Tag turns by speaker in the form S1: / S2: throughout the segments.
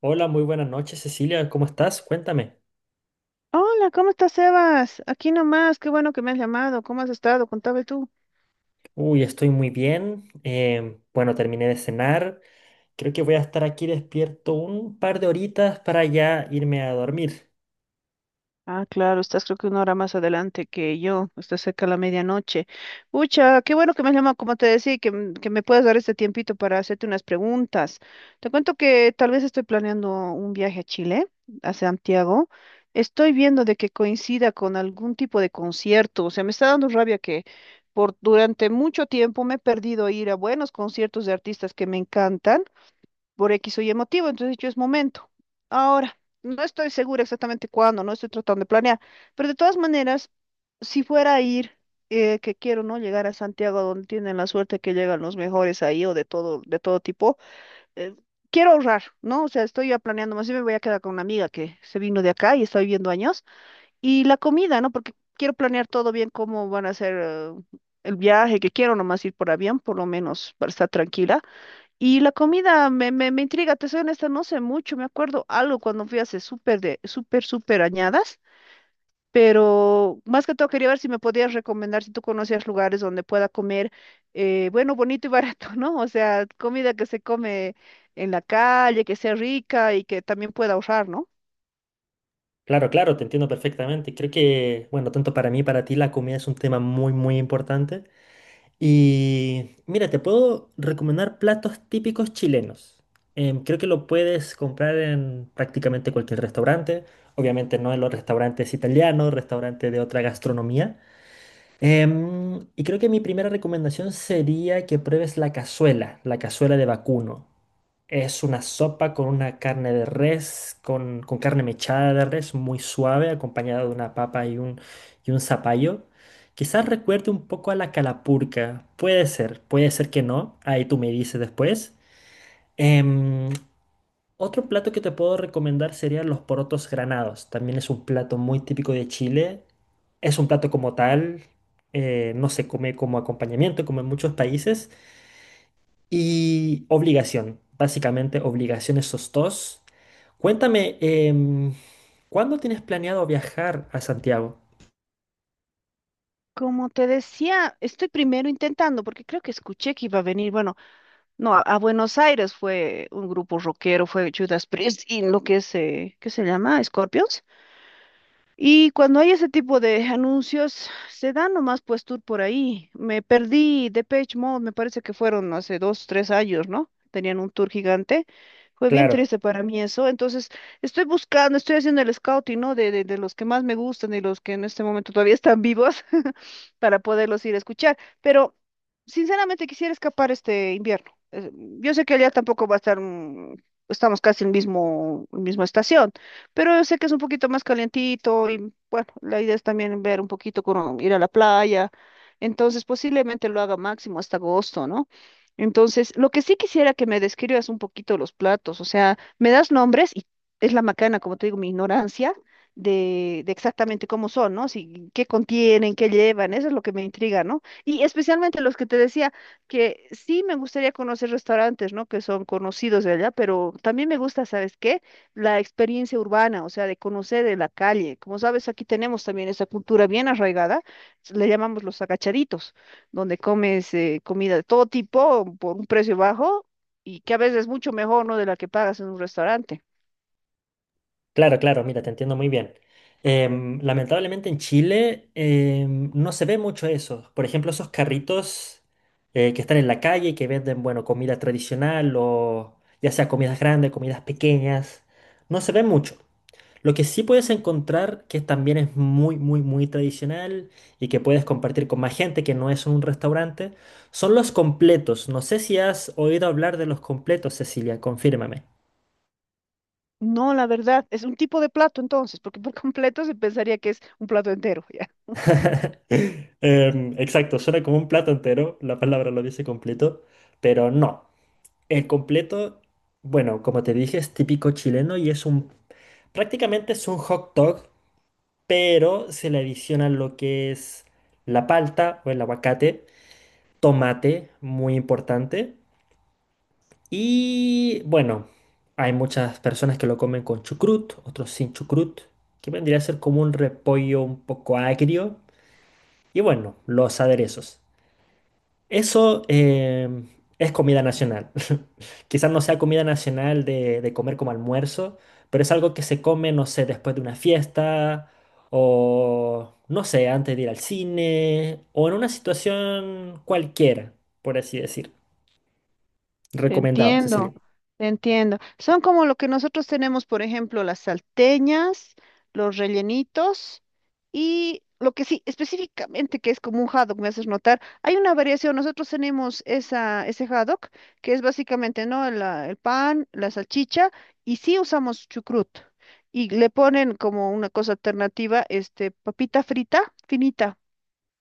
S1: Hola, muy buenas noches, Cecilia. ¿Cómo estás? Cuéntame.
S2: Hola, ¿cómo estás, Sebas? Aquí nomás, qué bueno que me has llamado. ¿Cómo has estado? Contame tú.
S1: Uy, estoy muy bien. Bueno, terminé de cenar. Creo que voy a estar aquí despierto un par de horitas para ya irme a dormir.
S2: Ah, claro, estás creo que una hora más adelante que yo, estás cerca de la medianoche. Ucha, qué bueno que me has llamado, como te decía, y que, que me puedas dar este tiempito para hacerte unas preguntas. Te cuento que tal vez estoy planeando un viaje a Chile, a Santiago. Estoy viendo de que coincida con algún tipo de concierto. O sea, me está dando rabia que por durante mucho tiempo me he perdido ir a buenos conciertos de artistas que me encantan por X o Y motivo, entonces yo es momento. Ahora, no estoy segura exactamente cuándo, no estoy tratando de planear, pero de todas maneras, si fuera a ir, que quiero, ¿no? Llegar a Santiago, donde tienen la suerte que llegan los mejores ahí o de todo tipo, eh, quiero ahorrar, ¿no? O sea, estoy ya planeando, más bien me voy a quedar con una amiga que se vino de acá y está viviendo años, y la comida, ¿no? Porque quiero planear todo bien, cómo van a ser el viaje que quiero nomás ir por avión, por lo menos para estar tranquila, y la comida me intriga, te soy honesta, no sé mucho, me acuerdo algo cuando fui hace súper, súper añadas, pero más que todo quería ver si me podías recomendar, si tú conocías lugares donde pueda comer, bueno, bonito y barato, ¿no? O sea, comida que se come en la calle, que sea rica y que también pueda ahorrar, ¿no?
S1: Claro, claro, te entiendo perfectamente. Creo que, bueno, tanto para mí, para ti, la comida es un tema muy, muy importante. Y mira, te puedo recomendar platos típicos chilenos. Creo que lo puedes comprar en prácticamente cualquier restaurante. Obviamente no en los restaurantes italianos, restaurantes de otra gastronomía. Y creo que mi primera recomendación sería que pruebes la cazuela de vacuno. Es una sopa con una carne de res, con carne mechada de res, muy suave, acompañada de una papa y y un zapallo. Quizás recuerde un poco a la calapurca. Puede ser que no. Ahí tú me dices después. Em, Otro plato que te puedo recomendar serían los porotos granados. También es un plato muy típico de Chile. Es un plato como tal, no se come como acompañamiento, como en muchos países. Y obligación, básicamente obligación esos dos. Cuéntame, ¿cuándo tienes planeado viajar a Santiago?
S2: Como te decía, estoy primero intentando, porque creo que escuché que iba a venir, bueno, no, a Buenos Aires fue un grupo rockero, fue Judas Priest y lo que es, ¿qué se llama? Scorpions. Y cuando hay ese tipo de anuncios, se dan nomás pues tour por ahí. Me perdí Depeche Mode, me parece que fueron hace dos, tres años, ¿no? Tenían un tour gigante. Fue bien
S1: Claro.
S2: triste para mí eso. Entonces, estoy buscando, estoy haciendo el scouting, ¿no? De los que más me gustan y los que en este momento todavía están vivos. Para poderlos ir a escuchar. Pero sinceramente quisiera escapar este invierno. Yo sé que allá tampoco va a estar, estamos casi en mismo, en misma estación, pero yo sé que es un poquito más calientito y bueno, la idea es también ver un poquito, ir a la playa. Entonces posiblemente lo haga máximo hasta agosto, ¿no? Entonces, lo que sí quisiera que me describas un poquito los platos, o sea, me das nombres y es la macana, como te digo, mi ignorancia, de exactamente cómo son, ¿no? Si, qué contienen, qué llevan, eso es lo que me intriga, ¿no? Y especialmente los que te decía que sí me gustaría conocer restaurantes, ¿no? Que son conocidos de allá, pero también me gusta, ¿sabes qué? La experiencia urbana, o sea, de conocer de la calle. Como sabes, aquí tenemos también esa cultura bien arraigada, le llamamos los agachaditos, donde comes comida de todo tipo por un precio bajo. Y que a veces es mucho mejor, ¿no? De la que pagas en un restaurante.
S1: Claro, claro, mira, te entiendo muy bien. Lamentablemente en Chile no se ve mucho eso. Por ejemplo, esos carritos que están en la calle y que venden, bueno, comida tradicional o ya sea comidas grandes, comidas pequeñas, no se ve mucho. Lo que sí puedes encontrar que también es muy, muy, muy tradicional y que puedes compartir con más gente que no es un restaurante, son los completos. No sé si has oído hablar de los completos, Cecilia, confírmame.
S2: No, la verdad, es un tipo de plato entonces, porque por completo se pensaría que es un plato entero, ya.
S1: Exacto, suena como un plato entero, la palabra lo dice completo, pero no. El completo, bueno, como te dije, es típico chileno y es un, prácticamente es un hot dog, pero se le adiciona lo que es la palta o el aguacate, tomate, muy importante, y bueno, hay muchas personas que lo comen con chucrut, otros sin chucrut, que vendría a ser como un repollo un poco agrio, y bueno, los aderezos. Eso es comida nacional. Quizás no sea comida nacional de comer como almuerzo, pero es algo que se come, no sé, después de una fiesta o, no sé, antes de ir al cine o en una situación cualquiera, por así decir.
S2: Te
S1: Recomendado, Cecilia.
S2: entiendo, te entiendo. Son como lo que nosotros tenemos, por ejemplo, las salteñas, los rellenitos y lo que sí, específicamente que es como un haddock, me haces notar. Hay una variación, nosotros tenemos esa, ese haddock, que es básicamente, ¿no? El pan, la salchicha y sí usamos chucrut. Y le ponen como una cosa alternativa, este, papita frita, finita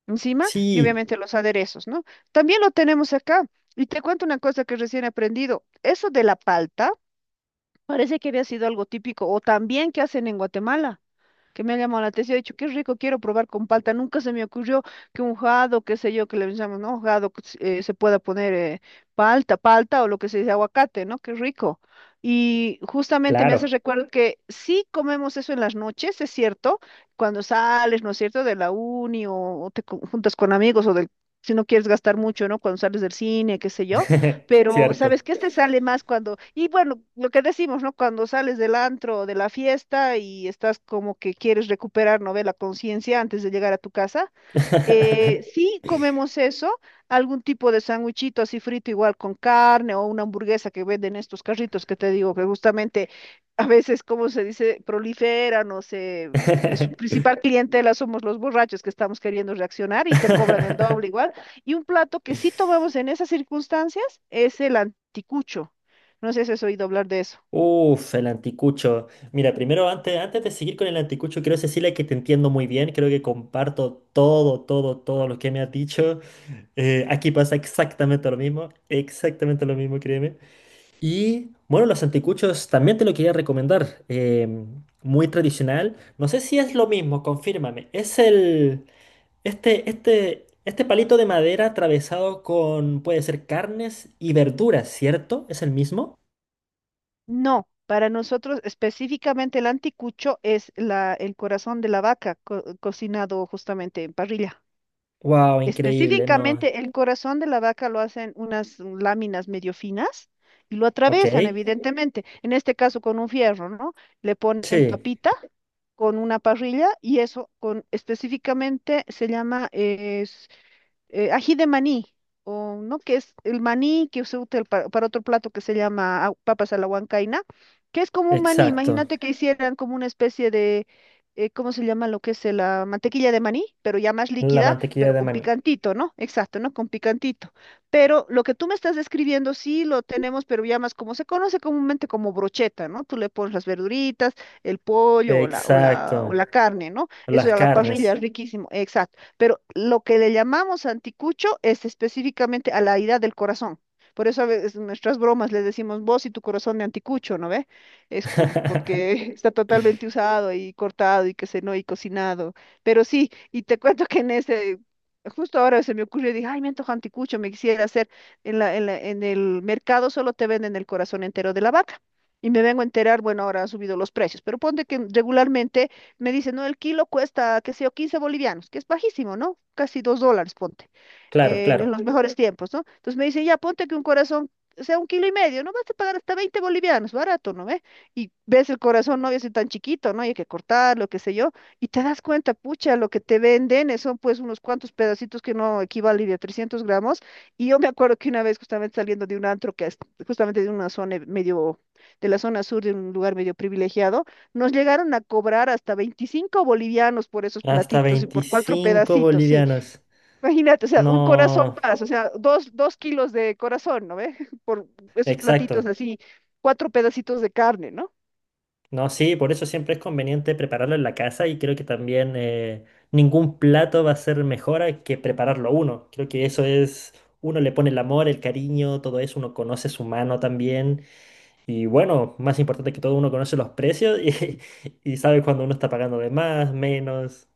S2: encima y
S1: Sí,
S2: obviamente los aderezos, ¿no? También lo tenemos acá. Y te cuento una cosa que recién he aprendido. Eso de la palta parece que había sido algo típico o también que hacen en Guatemala, que me ha llamado la atención. He dicho, qué rico, quiero probar con palta. Nunca se me ocurrió que un jado, qué sé yo, que le llamamos, ¿no? Jado, que se se pueda poner palta, palta, o lo que se dice aguacate, ¿no? Qué rico. Y justamente me hace
S1: claro,
S2: recuerdo que sí comemos eso en las noches, es cierto, cuando sales, ¿no es cierto?, de la uni o te juntas con amigos o del, si no quieres gastar mucho, ¿no?, cuando sales del cine, qué sé yo, pero sabes
S1: cierto.
S2: que este sale más cuando, y bueno, lo que decimos, ¿no? Cuando sales del antro o de la fiesta y estás como que quieres recuperar, ¿no? Ve la conciencia antes de llegar a tu casa. Sí comemos eso, algún tipo de sándwichito así frito igual con carne o una hamburguesa que venden estos carritos que te digo, que justamente a veces, como se dice, proliferan es su principal clientela somos los borrachos que estamos queriendo reaccionar y te cobran el doble igual. Y un plato que sí tomamos en esas circunstancias es el anticucho. No sé si has oído hablar de eso.
S1: Uf, el anticucho. Mira, primero, antes, antes de seguir con el anticucho, quiero decirle que te entiendo muy bien. Creo que comparto todo, todo, todo lo que me has dicho. Aquí pasa exactamente lo mismo, créeme. Y bueno, los anticuchos también te lo quería recomendar. Muy tradicional. No sé si es lo mismo, confírmame. Es el, este palito de madera atravesado con, puede ser carnes y verduras, ¿cierto? ¿Es el mismo?
S2: No, para nosotros específicamente el anticucho es el corazón de la vaca cocinado justamente en parrilla.
S1: Wow, increíble, no.
S2: Específicamente el corazón de la vaca lo hacen unas láminas medio finas y lo
S1: Ok,
S2: atraviesan evidentemente. En este caso con un fierro, ¿no? Le ponen
S1: sí,
S2: papita con una parrilla y eso con específicamente se llama ají de maní, o no, que es el maní que se usa para otro plato que se llama papas a la huancaina, que es como un maní.
S1: exacto.
S2: Imagínate que hicieran como una especie de, ¿cómo se llama lo que es la mantequilla de maní? Pero ya más
S1: La
S2: líquida,
S1: mantequilla
S2: pero
S1: de
S2: con
S1: maní.
S2: picantito, ¿no? Exacto, ¿no? Con picantito. Pero lo que tú me estás describiendo sí lo tenemos, pero ya más como se conoce comúnmente como brocheta, ¿no? Tú le pones las verduritas, el pollo
S1: Exacto.
S2: o la carne, ¿no?
S1: Las
S2: Eso a la parrilla,
S1: carnes.
S2: riquísimo. Exacto. Pero lo que le llamamos anticucho es específicamente a la herida del corazón. Por eso a veces en nuestras bromas le decimos vos y tu corazón de anticucho, ¿no ve? Porque está totalmente usado y cortado y que se no y cocinado. Pero sí, y te cuento que en ese, justo ahora se me ocurrió, dije, ay, me antoja anticucho, me quisiera hacer. En el mercado solo te venden el corazón entero de la vaca. Y me vengo a enterar, bueno, ahora han subido los precios, pero ponte que regularmente me dice, no, el kilo cuesta, qué sé yo, 15 bolivianos, que es bajísimo, ¿no? Casi 2 dólares, ponte
S1: Claro,
S2: en
S1: claro.
S2: los mejores tiempos, ¿no? Entonces me dicen, ya ponte que un corazón sea un kilo y medio, no vas a pagar hasta 20 bolivianos, barato, ¿no ve? Y ves el corazón, no, ya es tan chiquito, ¿no? Y hay que cortarlo, qué sé yo, y te das cuenta, pucha, lo que te venden son pues unos cuantos pedacitos que no equivalen a 300 gramos, y yo me acuerdo que una vez justamente saliendo de un antro que es justamente de una zona medio, de la zona sur, de un lugar medio privilegiado, nos llegaron a cobrar hasta 25 bolivianos por esos
S1: Hasta
S2: platitos y por cuatro
S1: veinticinco
S2: pedacitos, sí.
S1: bolivianos.
S2: Imagínate, o sea, un corazón
S1: No,
S2: más, o sea, 2 kilos de corazón, ¿no ve? Por esos platitos
S1: exacto.
S2: así, cuatro pedacitos de carne, ¿no?
S1: No, sí, por eso siempre es conveniente prepararlo en la casa y creo que también ningún plato va a ser mejor a que prepararlo uno. Creo que eso es, uno le pone el amor, el cariño, todo eso, uno conoce su mano también. Y bueno, más importante que todo, uno conoce los precios y, y sabe cuando uno está pagando de más, menos.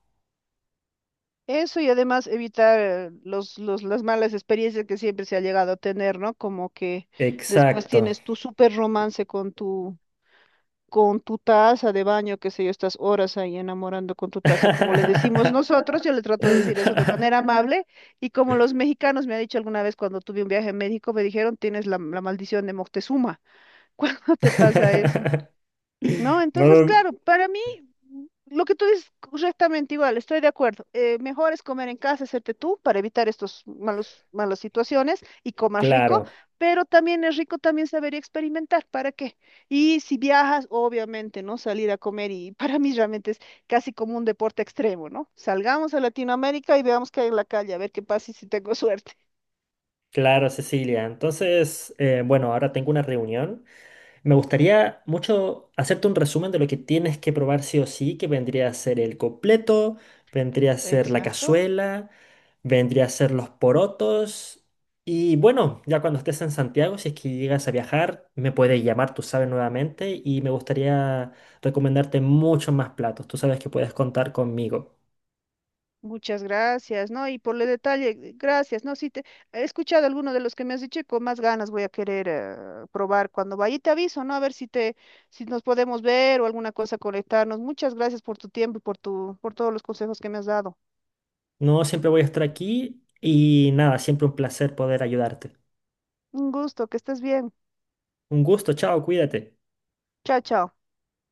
S2: Eso y además evitar las malas experiencias que siempre se ha llegado a tener, ¿no? Como que después
S1: Exacto.
S2: tienes tu súper romance con tu taza de baño, qué sé yo, estás horas ahí enamorando con tu taza, como le decimos nosotros, yo le trato de decir eso de manera amable, y como los mexicanos me han dicho alguna vez cuando tuve un viaje a México, me dijeron, tienes la maldición de Moctezuma. Cuando te pasa eso, ¿no?
S1: No,
S2: Entonces,
S1: no,
S2: claro, para mí, lo que tú dices correctamente igual, estoy de acuerdo. Mejor es comer en casa, hacerte tú, para evitar estos malos, malas situaciones, y comas rico,
S1: claro,
S2: pero también es rico también saber y experimentar, ¿para qué? Y si viajas, obviamente, ¿no? Salir a comer y para mí realmente es casi como un deporte extremo, ¿no? Salgamos a Latinoamérica y veamos qué hay en la calle, a ver qué pasa y si tengo suerte.
S1: claro, Cecilia. Entonces, bueno, ahora tengo una reunión. Me gustaría mucho hacerte un resumen de lo que tienes que probar sí o sí, que vendría a ser el completo, vendría a ser la
S2: Exacto.
S1: cazuela, vendría a ser los porotos. Y bueno, ya cuando estés en Santiago, si es que llegas a viajar, me puedes llamar, tú sabes, nuevamente, y me gustaría recomendarte muchos más platos. Tú sabes que puedes contar conmigo.
S2: Muchas gracias, ¿no? Y por el detalle, gracias, ¿no? Si te he escuchado alguno de los que me has dicho, y con más ganas voy a querer probar cuando vaya. Y te aviso, ¿no? A ver si te, si nos podemos ver o alguna cosa conectarnos. Muchas gracias por tu tiempo y por tu, por todos los consejos que me has dado.
S1: No siempre voy a estar aquí y nada, siempre un placer poder ayudarte.
S2: Un gusto, que estés bien.
S1: Un gusto, chao, cuídate.
S2: Chao, chao.